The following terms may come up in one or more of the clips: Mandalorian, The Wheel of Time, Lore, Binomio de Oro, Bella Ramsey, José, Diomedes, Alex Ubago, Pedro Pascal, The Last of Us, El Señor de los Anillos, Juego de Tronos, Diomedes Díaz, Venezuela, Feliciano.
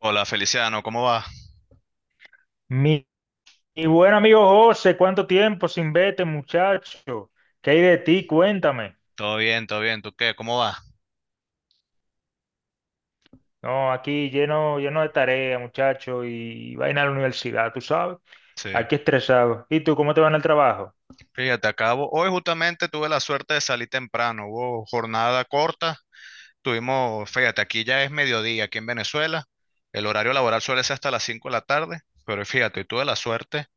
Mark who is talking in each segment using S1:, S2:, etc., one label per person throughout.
S1: Hola Feliciano, ¿cómo va?
S2: Mi, mi buen amigo José, ¿cuánto tiempo sin verte, muchacho? ¿Qué hay de ti? Cuéntame.
S1: Todo bien, todo bien. ¿Tú qué? ¿Cómo va?
S2: No, aquí lleno, lleno de tarea, muchacho, y vaina a la universidad, tú sabes.
S1: Sí.
S2: Aquí estresado. ¿Y tú cómo te va en el trabajo?
S1: Fíjate, acabo. Hoy justamente tuve la suerte de salir temprano. Hubo jornada corta. Tuvimos, fíjate, aquí ya es mediodía, aquí en Venezuela. El horario laboral suele ser hasta las 5 de la tarde. Pero fíjate, tuve la suerte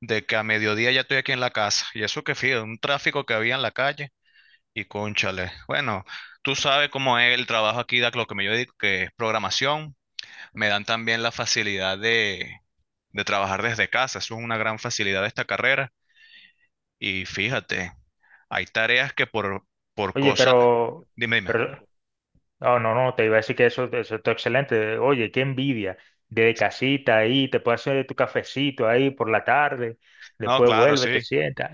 S1: de que a mediodía ya estoy aquí en la casa. Y eso que fíjate, un tráfico que había en la calle. Y cónchale. Bueno, tú sabes cómo es el trabajo aquí, de lo que me yo dedico, que es programación. Me dan también la facilidad de trabajar desde casa. Eso es una gran facilidad de esta carrera. Y fíjate, hay tareas que por
S2: Oye,
S1: cosas... Dime, dime.
S2: pero, no, no, no, te iba a decir que eso está excelente. Oye, qué envidia. De casita ahí, te puedes hacer tu cafecito ahí por la tarde,
S1: No,
S2: después
S1: claro,
S2: vuelve, te
S1: sí.
S2: sientas.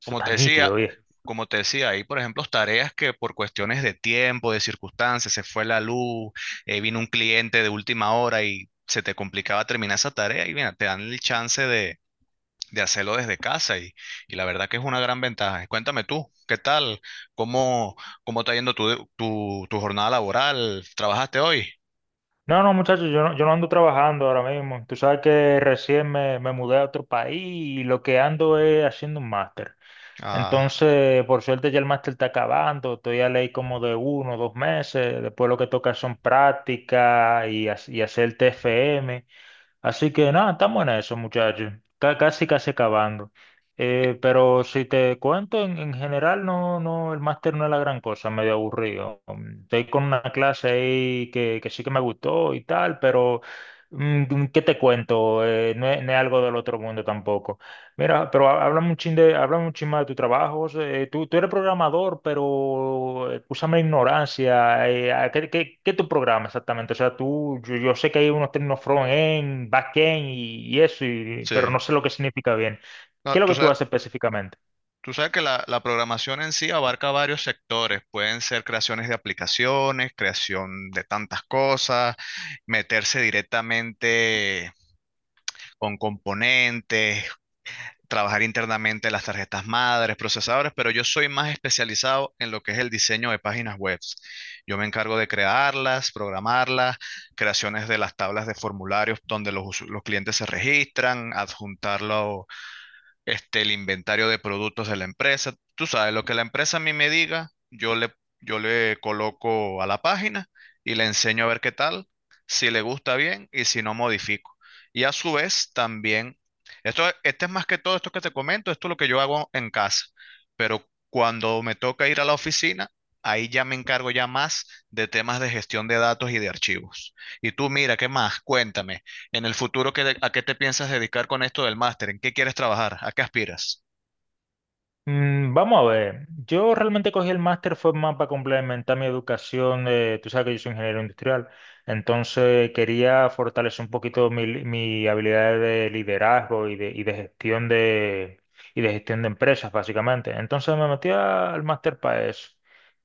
S2: Eso
S1: Como
S2: está
S1: te decía,
S2: nítido.
S1: como te decía, hay, por ejemplo, tareas que por cuestiones de tiempo, de circunstancias, se fue la luz, vino un cliente de última hora y se te complicaba terminar esa tarea y mira, te dan el chance de hacerlo desde casa y la verdad que es una gran ventaja. Cuéntame tú, ¿qué tal? ¿Cómo, cómo está yendo tu, tu, tu jornada laboral? ¿Trabajaste hoy?
S2: No, no, muchachos, yo no ando trabajando ahora mismo. Tú sabes que recién me mudé a otro país y lo que ando es haciendo un máster.
S1: Ah,
S2: Entonces, por suerte ya el máster está acabando. Estoy a ley como de uno o dos meses. Después lo que toca son prácticas y hacer TFM. Así que nada, estamos en eso, muchachos. Está casi, casi acabando.
S1: y-
S2: Pero si te cuento, en general no, el máster no es la gran cosa, medio aburrido. Estoy con una clase ahí que sí que me gustó y tal, pero ¿qué te cuento? No es algo del otro mundo tampoco. Mira, pero háblame un háblame un chin más de tu trabajo. José. Tú eres programador, pero úsame ignorancia. ¿A qué tu programa exactamente? O sea, yo sé que hay unos términos front-end, back-end y eso,
S1: sí.
S2: pero no sé lo que significa.
S1: No,
S2: ¿Qué es lo que tú haces específicamente?
S1: tú sabes que la programación en sí abarca varios sectores. Pueden ser creaciones de aplicaciones, creación de tantas cosas, meterse directamente con componentes, trabajar internamente las tarjetas madres, procesadores, pero yo soy más especializado en lo que es el diseño de páginas web. Yo me encargo de crearlas, programarlas, creaciones de las tablas de formularios donde los, usu- los clientes se registran, adjuntarlo este, el inventario de productos de la empresa. Tú sabes, lo que la empresa a mí me diga, yo le coloco a la página y le enseño a ver qué tal, si le gusta bien y si no modifico. Y a su vez también, esto, este es más que todo esto que te comento, esto es lo que yo hago en casa, pero cuando me toca ir a la oficina, ahí ya me encargo ya más de temas de gestión de datos y de archivos. Y tú, mira, ¿qué más? Cuéntame. En el futuro, ¿qué de- ¿a qué te piensas dedicar con esto del máster? ¿En qué quieres trabajar? ¿A qué aspiras?
S2: Vamos a ver, yo realmente cogí el máster fue más para complementar mi educación, tú sabes que yo soy ingeniero industrial, entonces quería fortalecer un poquito mi habilidad de liderazgo y de gestión y de gestión de empresas, básicamente. Entonces me metí al máster para eso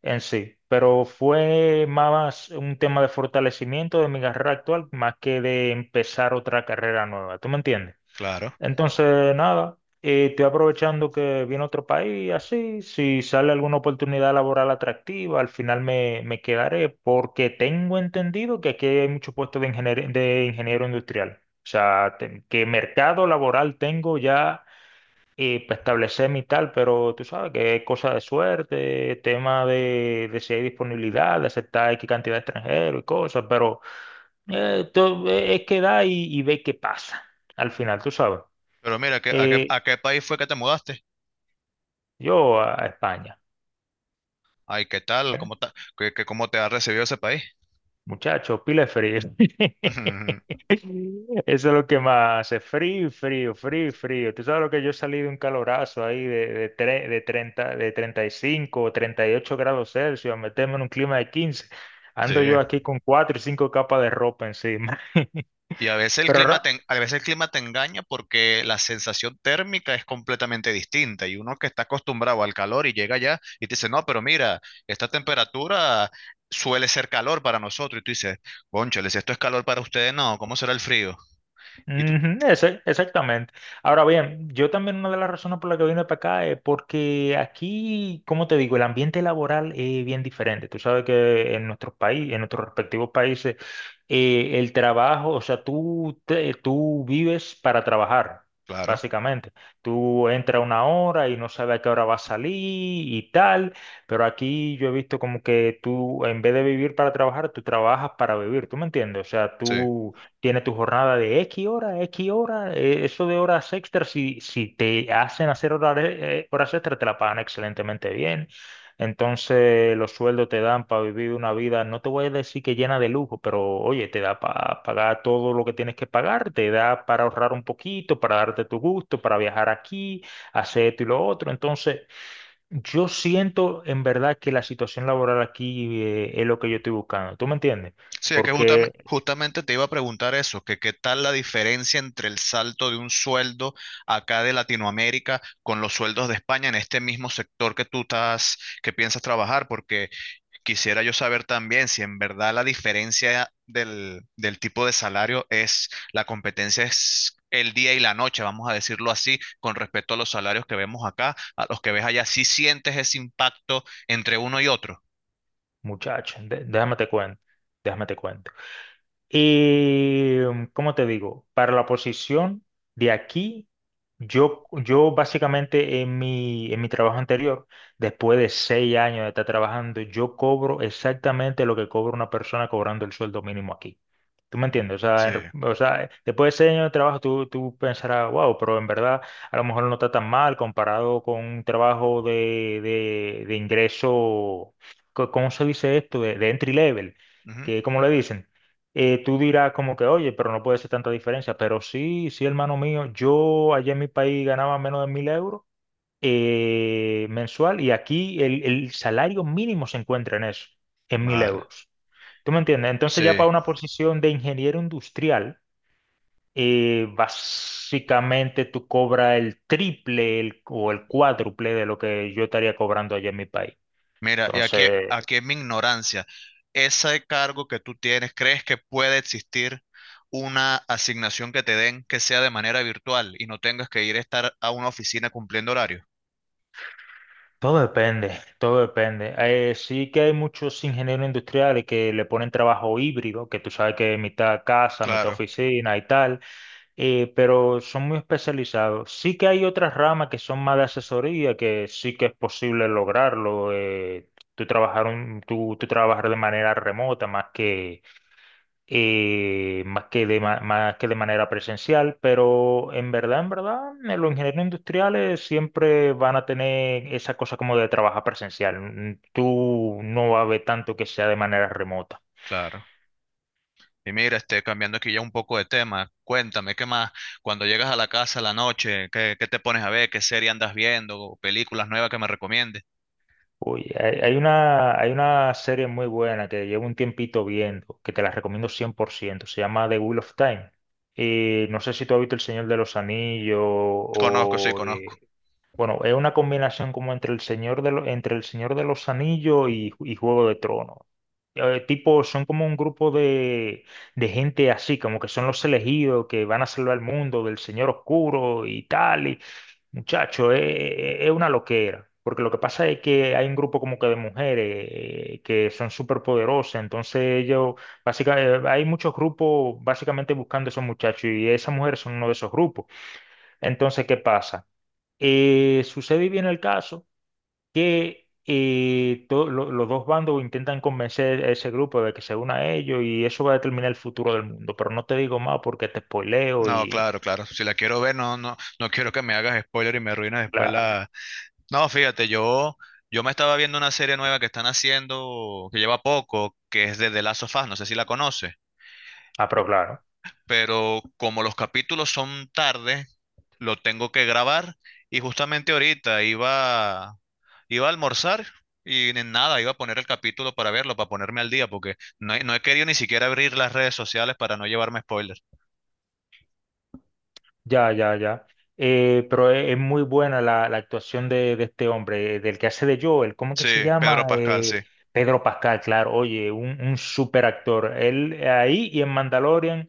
S2: en sí, pero fue más un tema de fortalecimiento de mi carrera actual más que de empezar otra carrera nueva, ¿tú me entiendes?
S1: Claro.
S2: Entonces, nada, y estoy aprovechando que viene otro país, así, si sale alguna oportunidad laboral atractiva, al final me quedaré, porque tengo entendido que aquí hay muchos puestos de de ingeniero industrial. O sea, que mercado laboral tengo ya para establecer mi tal, pero tú sabes que es cosa de suerte, tema de si hay disponibilidad, de aceptar X cantidad de extranjeros y cosas, pero es quedar y ver qué pasa al final, tú sabes.
S1: Pero mira, ¿qué- ¿a qué,
S2: Eh,
S1: a qué país fue que te mudaste?
S2: Yo a España.
S1: Ay, ¿qué tal?
S2: Bueno,
S1: ¿Cómo ta- qué- qué- cómo te ha recibido ese país?
S2: muchachos, pila de frío.
S1: Ujú.
S2: Eso es lo que más hace. Frío, frío, frío, frío. Tú sabes lo que yo salí de un calorazo ahí de 35 o 38 °C a meterme en un clima de 15.
S1: Sí.
S2: Ando yo aquí con 4 y 5 capas de ropa encima.
S1: Y a veces el
S2: Pero
S1: clima te,
S2: ra-
S1: en- a veces el clima te engaña porque la sensación térmica es completamente distinta y uno que está acostumbrado al calor y llega allá y te dice, no, pero mira, esta temperatura suele ser calor para nosotros. Y tú dices, cónchale, si esto es calor para ustedes, no, ¿cómo será el frío? Y tú,
S2: Ujú, ese, exactamente. Ahora bien, yo también una de las razones por las que vine para acá es porque aquí, como te digo, el ambiente laboral es bien diferente. Tú sabes que en nuestros países, en nuestros respectivos países, el trabajo, o sea, tú vives para trabajar,
S1: claro,
S2: básicamente. Tú entras una hora y no sabes a qué hora vas a salir y tal, pero aquí yo he visto como que tú, en vez de vivir para trabajar, tú trabajas para vivir, ¿tú me entiendes? O sea,
S1: sí.
S2: tú... Tiene tu jornada de X hora, eso de horas extras, si te hacen hacer horas, horas extras, te la pagan excelentemente bien. Entonces, los sueldos te dan para vivir una vida, no te voy a decir que llena de lujo, pero oye, te da para pagar todo lo que tienes que pagar, te da para ahorrar un poquito, para darte tu gusto, para viajar aquí, hacer esto y lo otro. Entonces, yo siento en verdad que la situación laboral aquí es lo que yo estoy buscando. ¿Tú me entiendes?
S1: Sí, es que justame-
S2: Porque
S1: justamente te iba a preguntar eso, que qué tal la diferencia entre el salto de un sueldo acá de Latinoamérica con los sueldos de España en este mismo sector que tú estás, que piensas trabajar, porque quisiera yo saber también si en verdad la diferencia del, del tipo de salario es, la competencia es el día y la noche, vamos a decirlo así, con respecto a los salarios que vemos acá, a los que ves allá, si sientes ese impacto entre uno y otro.
S2: muchacho, déjame te cuento, déjame te cuento. ¿Cómo te digo? Para la posición de aquí, yo básicamente en mi trabajo anterior, después de 6 años de estar trabajando, yo cobro exactamente lo que cobra una persona cobrando el sueldo mínimo aquí. ¿Tú me
S1: Mm.
S2: entiendes? O sea,
S1: Sí.
S2: o sea, después de 6 años de trabajo, tú pensarás, wow, pero en verdad a lo mejor no está tan mal comparado con un trabajo de ingreso, ¿cómo se dice esto? De entry level,
S1: Ujú.
S2: que como le dicen tú dirás como que, oye, pero no puede ser tanta diferencia. Pero sí, sí, hermano mío, yo allá en mi país ganaba menos de 1000 € mensual y aquí el salario mínimo se encuentra en eso, en mil
S1: Vale.
S2: euros. ¿Tú me entiendes? Entonces ya
S1: Sí.
S2: para una posición de ingeniero industrial, básicamente tú cobras el triple o el cuádruple de lo que yo estaría cobrando allá en mi país.
S1: Mira, y aquí,
S2: Entonces,
S1: aquí es mi ignorancia. Ese cargo que tú tienes, ¿crees que puede existir una asignación que te den que sea de manera virtual y no tengas que ir a estar a una oficina cumpliendo horario?
S2: todo depende, todo depende. Sí que hay muchos ingenieros industriales que le ponen trabajo híbrido, que tú sabes que es mitad casa, mitad
S1: Claro,
S2: oficina y tal, pero son muy especializados. Sí que hay otras ramas que son más de asesoría, que sí que es posible lograrlo. Tú trabajar de manera remota más que más que de manera presencial, pero en verdad, los ingenieros industriales siempre van a tener esa cosa como de trabajar presencial. Tú no vas a ver tanto que sea de manera remota.
S1: claro. Y mira, este, cambiando aquí ya un poco de tema, cuéntame, ¿qué más? Cuando llegas a la casa a la noche, ¿qué, qué te pones a ver? ¿Qué serie andas viendo? ¿O películas nuevas que me recomiendes?
S2: Uy, hay una serie muy buena que llevo un tiempito viendo, que te la recomiendo 100%. Se llama The Wheel of Time. No sé si tú has visto El Señor de los Anillos
S1: Conozco, sí,
S2: o...
S1: conozco.
S2: bueno, es una combinación como entre el entre el Señor de los Anillos y Juego de Tronos. Tipo, son como un grupo de gente así, como que son los elegidos que van a salvar el mundo del Señor Oscuro y tal. Muchacho, es una loquera. Porque lo que pasa es que hay un grupo como que de mujeres que son súper poderosas. Entonces ellos, básicamente, hay muchos grupos básicamente buscando a esos muchachos y esas mujeres son uno de esos grupos. Entonces, ¿qué pasa? Sucede y viene el caso que los dos bandos intentan convencer a ese grupo de que se una a ellos y eso va a determinar el futuro del mundo. Pero no te digo más porque te spoileo
S1: No,
S2: y...
S1: claro, claro. Si la quiero ver, no, no, no quiero que me hagas spoiler y me arruines después
S2: claro.
S1: la. No, fíjate, yo me estaba viendo una serie nueva que están haciendo, que lleva poco, que es de The Last of Us, no sé si la conoces,
S2: Ah, pero claro.
S1: pero como los capítulos son tarde, lo tengo que grabar y justamente ahorita iba, iba a almorzar y en nada, iba a poner el capítulo para verlo, para ponerme al día, porque no he, no he querido ni siquiera abrir las redes sociales para no llevarme spoilers.
S2: Ya, ya, ya. Pero es muy buena la actuación de este hombre, del que hace de Joel. ¿Cómo que
S1: Sí,
S2: se
S1: Pedro
S2: llama?
S1: Pascal, sí,
S2: Pedro Pascal, claro. Oye, un super actor. Él ahí y en Mandalorian.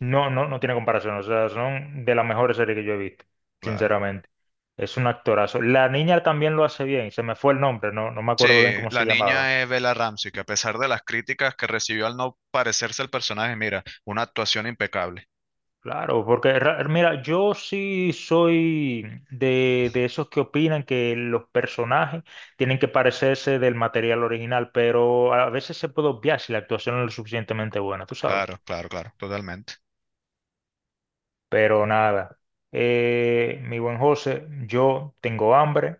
S2: No tiene comparación. O sea, son de las mejores series que yo he visto,
S1: claro.
S2: sinceramente. Es un actorazo. La niña también lo hace bien. Se me fue el nombre, no me
S1: Sí,
S2: acuerdo bien cómo se
S1: la
S2: llamaba.
S1: niña es Bella Ramsey, que a pesar de las críticas que recibió al no parecerse al personaje, mira, una actuación impecable.
S2: Claro, porque mira, yo sí soy de esos que opinan que los personajes tienen que parecerse del material original, pero a veces se puede obviar si la actuación no es lo suficientemente buena, tú sabes.
S1: Claro, claro, claro, totalmente.
S2: Pero nada, mi buen José, yo tengo hambre.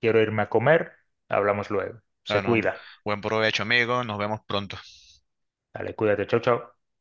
S2: Quiero irme a comer, hablamos luego. Se
S1: Bueno,
S2: cuida.
S1: buen provecho, amigo. Nos vemos pronto.
S2: Dale, cuídate, chau, chau.